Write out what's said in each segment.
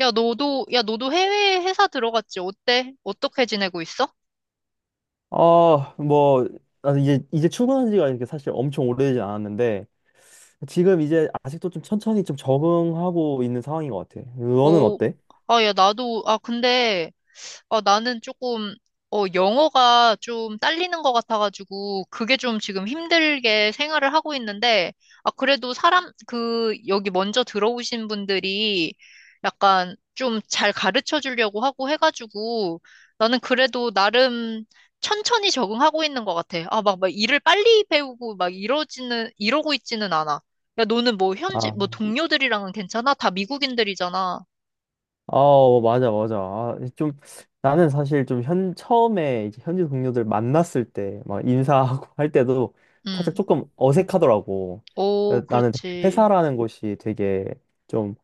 야, 너도 해외 회사 들어갔지? 어때? 어떻게 지내고 있어? 아, 뭐, 나는 이제 출근한 지가 이렇게 사실 엄청 오래되지 않았는데, 지금 이제 아직도 좀 천천히 좀 적응하고 있는 상황인 것 같아. 너는 오, 어때? 아, 야, 나도, 아, 근데, 어, 나는 조금, 어, 영어가 좀 딸리는 것 같아가지고, 그게 좀 지금 힘들게 생활을 하고 있는데, 아, 그래도 사람, 그, 여기 먼저 들어오신 분들이 약간 좀 잘 가르쳐 주려고 하고 해가지고, 나는 그래도 나름 천천히 적응하고 있는 것 같아. 아, 막 일을 빨리 배우고 막 이러고 있지는 않아. 야, 너는 뭐 아, 뭐 동료들이랑은 괜찮아? 다 미국인들이잖아. 어, 맞아, 맞아. 아, 좀, 나는 사실 좀 처음에 이제 현지 동료들 만났을 때, 막 인사하고 할 때도 살짝 음. 조금 어색하더라고. 오, 그래서 나는 되게 그렇지. 회사라는 곳이 되게 좀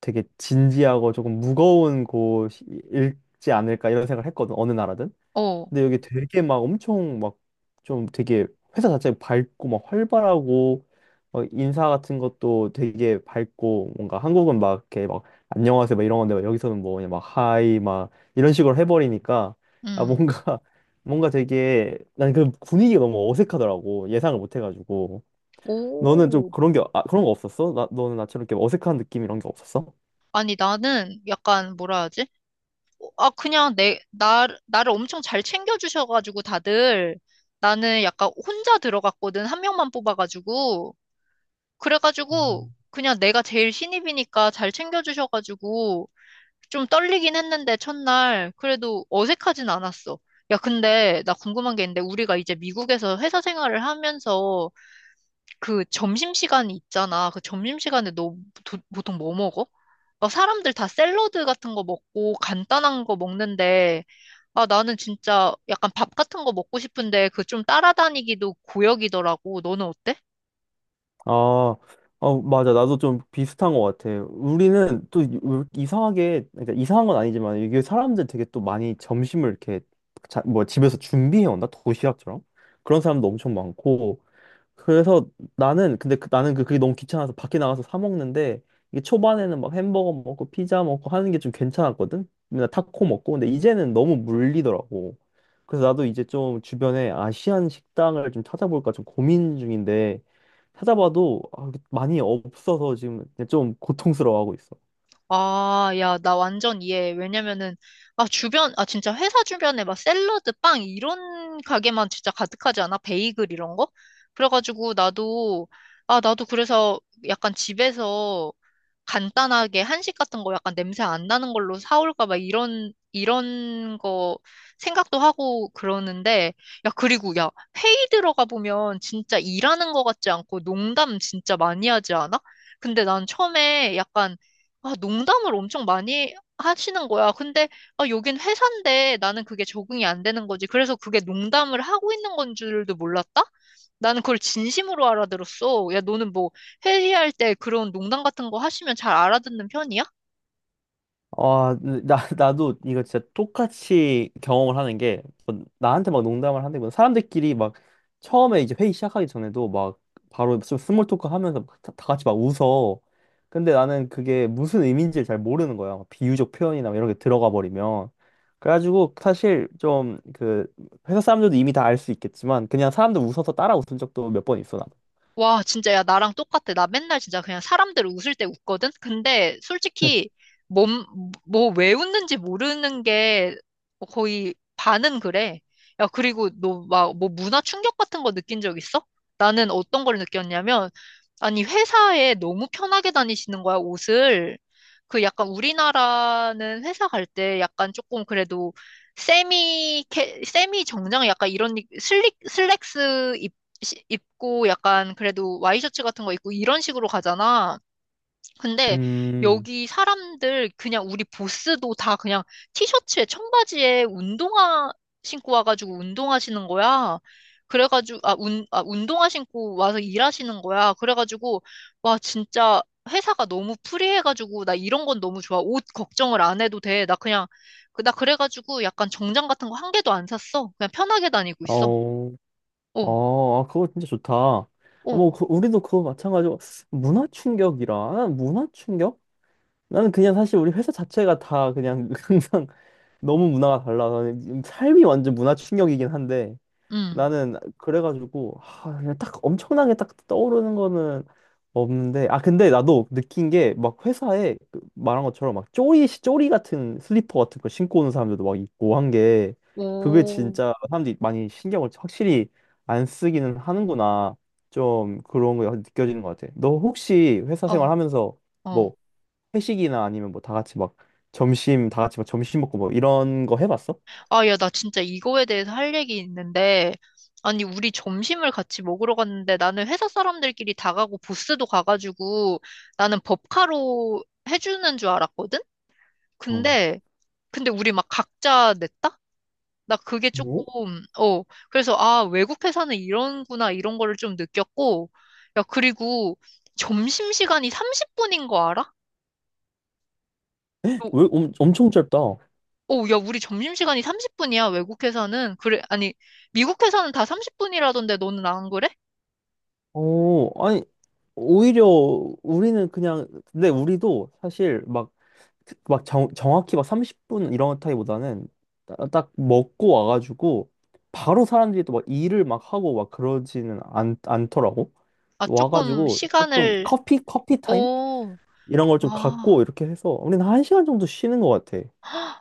되게 진지하고 조금 무거운 곳이지 않을까 이런 생각을 했거든, 어느 나라든. 어. 근데 여기 되게 막 엄청 막 좀 되게 회사 자체 밝고 막 활발하고 막 인사 같은 것도 되게 밝고, 뭔가 한국은 막 이렇게 막 안녕하세요 막 이런 건데, 막 여기서는 뭐 그냥 막 하이 막 이런 식으로 해버리니까, 아 음. 뭔가 뭔가 되게 난 그 분위기가 너무 어색하더라고, 예상을 못 해가지고. 너는 좀 오. 그런 게, 아, 그런 거 없었어? 나, 너는 나처럼 이렇게 어색한 느낌 이런 게 없었어? 아니, 나는 약간 뭐라 하지? 어, 아, 그냥 나를 엄청 잘 챙겨주셔가지고 다들 나는 약간 혼자 들어갔거든. 한 명만 뽑아가지고. 그래가지고 음. 그냥 내가 제일 신입이니까 잘 챙겨주셔가지고 좀 떨리긴 했는데 첫날. 그래도 어색하진 않았어. 야, 근데 나 궁금한 게 있는데 우리가 이제 미국에서 회사 생활을 하면서 그 점심시간 있잖아. 그 점심시간에 너 보통 뭐 먹어? 막 사람들 다 샐러드 같은 거 먹고 간단한 거 먹는데, 아, 나는 진짜 약간 밥 같은 거 먹고 싶은데 그 좀 따라다니기도 고역이더라고. 너는 어때? 아, 어, 맞아. 나도 좀 비슷한 것 같아. 우리는 또 왜 이렇게 이상하게, 그러니까 이상한 건 아니지만, 이게 사람들 되게 또 많이 점심을 이렇게, 자, 뭐 집에서 준비해 온다? 도시락처럼? 그런 사람도 엄청 많고, 그래서 나는 근데 그게 너무 귀찮아서 밖에 나가서 사 먹는데, 이게 초반에는 막 햄버거 먹고 피자 먹고 하는 게 좀 괜찮았거든. 맨날 타코 먹고, 근데 이제는 너무 물리더라고. 그래서 나도 이제 좀 주변에 아시안 식당을 좀 찾아볼까 좀 고민 중인데, 찾아봐도 아, 많이 없어서 지금 좀 고통스러워하고 있어. 아, 야, 나 완전 이해해. 왜냐면은, 아, 진짜 회사 주변에 막 샐러드, 빵, 이런 가게만 진짜 가득하지 않아? 베이글 이런 거? 그래가지고 나도 그래서 약간 집에서 간단하게 한식 같은 거 약간 냄새 안 나는 걸로 사올까 봐 이런 거 생각도 하고 그러는데, 야, 그리고 야, 회의 들어가 보면 진짜 일하는 거 같지 않고 농담 진짜 많이 하지 않아? 근데 난 처음에 약간 아, 농담을 엄청 많이 하시는 거야. 근데, 아, 여긴 회사인데 나는 그게 적응이 안 되는 거지. 그래서 그게 농담을 하고 있는 건 줄도 몰랐다? 나는 그걸 진심으로 알아들었어. 야, 너는 뭐 회의할 때 그런 농담 같은 거 하시면 잘 알아듣는 편이야? 아, 나도 이거 진짜 똑같이 경험을 하는 게, 뭐 나한테 막 농담을 하는 건 사람들끼리 막 처음에 이제 회의 시작하기 전에도 막 바로 좀 스몰 토크 하면서 막 다 같이 막 웃어. 근데 나는 그게 무슨 의미인지를 잘 모르는 거야. 막 비유적 표현이나 막 이런 게 들어가 버리면. 그래가지고 사실 좀 그 회사 사람들도 이미 다 알 수 있겠지만, 그냥 사람들 웃어서 따라 웃은 적도 몇 번 있어, 나도. 와, 진짜, 야, 나랑 똑같아. 나 맨날 진짜 그냥 사람들 웃을 때 웃거든? 근데 솔직히, 몸, 뭐, 왜 웃는지 모르는 게 뭐 거의 반은 그래. 야, 그리고 너 막, 뭐, 문화 충격 같은 거 느낀 적 있어? 나는 어떤 걸 느꼈냐면, 아니, 회사에 너무 편하게 다니시는 거야, 옷을. 그 약간 우리나라는 회사 갈 때 약간 조금 그래도 세미 정장 약간 이런 슬랙스 입고 약간 그래도 와이셔츠 같은 거 입고 이런 식으로 가잖아. 근데 음, 여기 사람들 그냥 우리 보스도 다 그냥 티셔츠에 청바지에 운동화 신고 와가지고 운동하시는 거야. 그래가지고 아, 아 운동화 신고 와서 일하시는 거야. 그래가지고 와 진짜 회사가 너무 프리해가지고 나 이런 건 너무 좋아. 옷 걱정을 안 해도 돼. 나 그냥 나 그래가지고 약간 정장 같은 거 한 개도 안 샀어. 그냥 편하게 다니고 있어. 어, 어, 어, 아, 그거 진짜 좋다. 어, 뭐, 어, 우리도 그거 마찬가지고, 문화 충격이라. 아, 문화 충격? 나는 그냥 사실 우리 회사 자체가 다 그냥 항상 너무 문화가 달라서 삶이 완전 문화 충격이긴 한데, 음. 나는 그래가지고 하, 그냥 딱 엄청나게 딱 떠오르는 거는 없는데, 아 근데 나도 느낀 게 막 회사에 그 말한 것처럼 막 쪼리 쪼리 같은 슬리퍼 같은 거 신고 오는 사람들도 막 있고 한 게, 그게 오, 진짜 사람들이 많이 신경을 확실히 안 쓰기는 하는구나, 좀 그런 거 느껴지는 것 같아. 너 혹시 회사 어, 생활하면서 어. 뭐 회식이나 아니면 뭐 다 같이 막 점심 다 같이 막 점심 먹고 뭐 이런 거 해봤어? 아, 야, 나 진짜 이거에 대해서 할 얘기 있는데, 아니, 우리 점심을 같이 먹으러 갔는데, 나는 회사 사람들끼리 다 가고, 보스도 가가지고, 나는 법카로 해주는 줄 알았거든? 어. 근데, 근데 우리 막 각자 냈다? 나 그게 조금, 뭐? 어, 그래서, 아, 외국 회사는 이런구나, 이런 거를 좀 느꼈고, 야, 그리고 점심시간이 30분인 거 알아? 어, 왜 엄청 짧다. 오, 야, 우리 점심시간이 30분이야, 외국에서는. 그래, 아니, 미국에서는 다 30분이라던데 너는 안 그래? 오, 아니, 오히려 우리는 그냥, 근데 우리도 사실 막, 막 정확히 막 30분 이런 타입보다는 딱 먹고 와가지고 바로 사람들이 또 막 일을 막 하고 막 그러지는 않더라고. 아, 또 조금 와가지고 조금 시간을, 커피, 커피 타임? 오, 이런 걸 좀 아, 갖고 이렇게 해서 우리는 1시간 정도 쉬는 것 같아.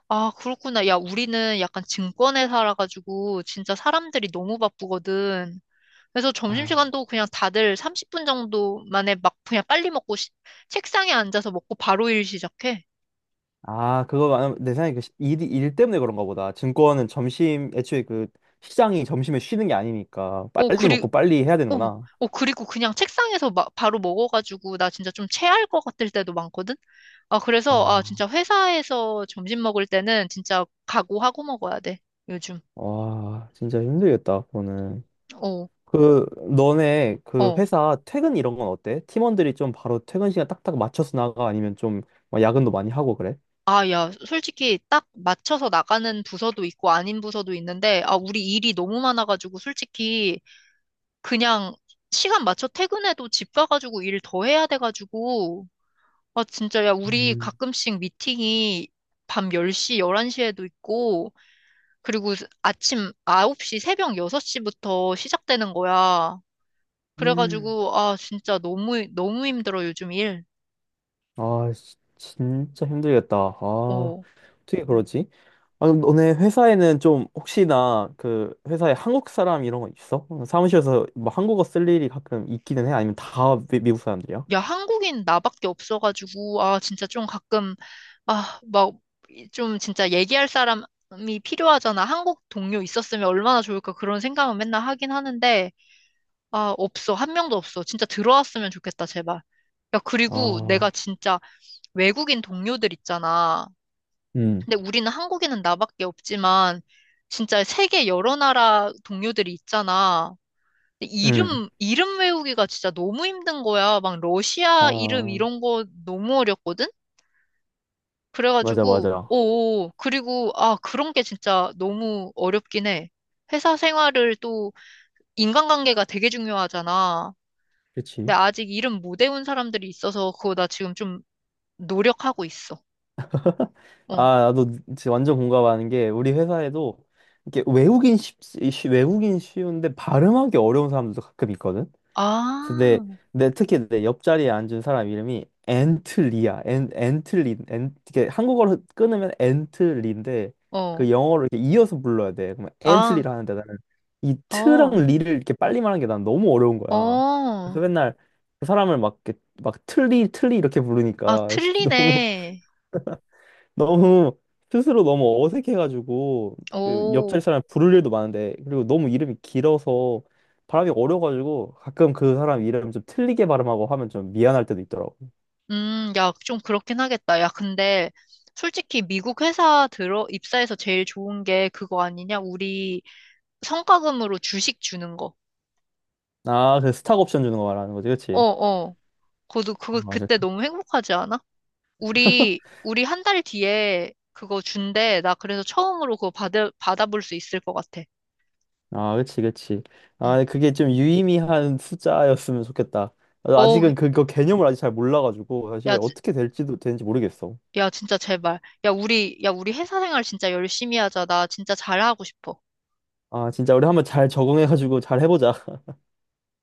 아, 그렇구나. 야, 우리는 약간 증권에 살아가지고 진짜 사람들이 너무 바쁘거든. 그래서 점심시간도 그냥 다들 30분 정도 만에 막 그냥 빨리 먹고 책상에 앉아서 먹고 바로 일 시작해. 아, 그거 아마 내 생각에 그 일 때문에 그런가 보다. 증권은 점심, 애초에 그 시장이 점심에 쉬는 게 아니니까 오, 빨리 먹고 빨리 해야 어, 되는구나. 어, 그리고 그냥 책상에서 막 바로 먹어가지고 나 진짜 좀 체할 것 같을 때도 많거든? 아, 그래서, 아, 아, 진짜 회사에서 점심 먹을 때는 진짜 각오하고 먹어야 돼, 요즘. 와, 진짜 힘들겠다, 그거는. 어, 그, 너네 그 어. 회사 퇴근 이런 건 어때? 팀원들이 좀 바로 퇴근 시간 딱딱 맞춰서 나가? 아니면 좀막 야근도 많이 하고 그래? 아, 야, 솔직히 딱 맞춰서 나가는 부서도 있고 아닌 부서도 있는데, 아, 우리 일이 너무 많아가지고 솔직히 그냥 시간 맞춰 퇴근해도 집 가가지고 일 더 해야 돼가지고, 아, 진짜, 야, 우리 음. 가끔씩 미팅이 밤 10시, 11시에도 있고, 그리고 아침 9시, 새벽 6시부터 시작되는 거야. 음. 그래가지고, 아, 진짜 너무, 너무 힘들어, 요즘 일. 아, 진짜 힘들겠다. 아, 어. 어떻게 그러지? 아, 너네 회사에는 좀 혹시나 그 회사에 한국 사람 이런 거 있어? 어, 사무실에서 뭐 한국어 쓸 일이 가끔 있기는 해? 아니면 다 미국 사람들이야? 야, 한국인 나밖에 없어가지고, 아, 진짜 좀 가끔, 아, 막, 좀 진짜 얘기할 사람이 필요하잖아. 한국 동료 있었으면 얼마나 좋을까 그런 생각은 맨날 하긴 하는데, 아, 없어. 한 명도 없어. 진짜 들어왔으면 좋겠다, 제발. 야, 그리고 내가 아, 진짜 외국인 동료들 있잖아. 음, 근데 우리는 한국에는 나밖에 없지만 진짜 세계 여러 나라 동료들이 있잖아. 근데 음, 이름 외우기가 진짜 너무 힘든 거야. 막 러시아 이름 아, 이런 거 너무 어렵거든. 맞아, 그래가지고 맞아. 오, 그리고 아 그런 게 진짜 너무 어렵긴 해. 회사 생활을 또 인간관계가 되게 중요하잖아. 근데 그렇지. 아직 이름 못 외운 사람들이 있어서 그거 나 지금 좀 노력하고 있어. 아, 어. 나도 진짜 완전 공감하는 게 우리 회사에도 이렇게 외국인 외국인 쉬운데 발음하기 어려운 사람들도 가끔 있거든. 근데 아, 내, 특히 내 옆자리에 앉은 사람 이름이 앤틀리야. 앤 앤틀리 앤, 이게 한국어로 끊으면 앤틀리인데, 그 어, 영어로 이렇게 이어서 불러야 돼. 그러면 아, 앤틀리라 하는데, 나는 이 트랑 어. 리를 이렇게 빨리 말하는 게 난 너무 어려운 거야. 어, 그래서 맨날 그 사람을 막 이렇게 막 틀리 틀리 이렇게 아, 부르니까 너무 틀리네. 너무 스스로 너무 어색해가지고, 그 옆자리 오, 사람 부를 일도 많은데 그리고 너무 이름이 길어서 발음이 어려가지고, 가끔 그 사람 이름 좀 틀리게 발음하고 하면 좀 미안할 때도 있더라고. 야, 좀 그렇긴 하겠다. 야, 근데 솔직히 미국 회사 입사해서 제일 좋은 게 그거 아니냐? 우리 성과금으로 주식 주는 거. 아, 그 스탁 옵션 주는 거 말하는 거지, 어, 그치? 어. 맞아. 그때 그- 너무 행복하지 않아? 우리 한 달 뒤에 그거 준대. 나 그래서 처음으로 그거 받아볼 수 있을 것 같아. 아, 그치, 그치. 응. 아, 그게 좀 유의미한 숫자였으면 좋겠다. 어, 아직은 그거 개념을 아직 잘 몰라가지고 야, 사실 어떻게 될지도 되는지 모르겠어. 야, 진짜 제발. 야, 우리 회사 생활 진짜 열심히 하자. 나 진짜 잘하고 싶어. 아, 진짜 우리 한번 잘 적응해가지고 잘 해보자.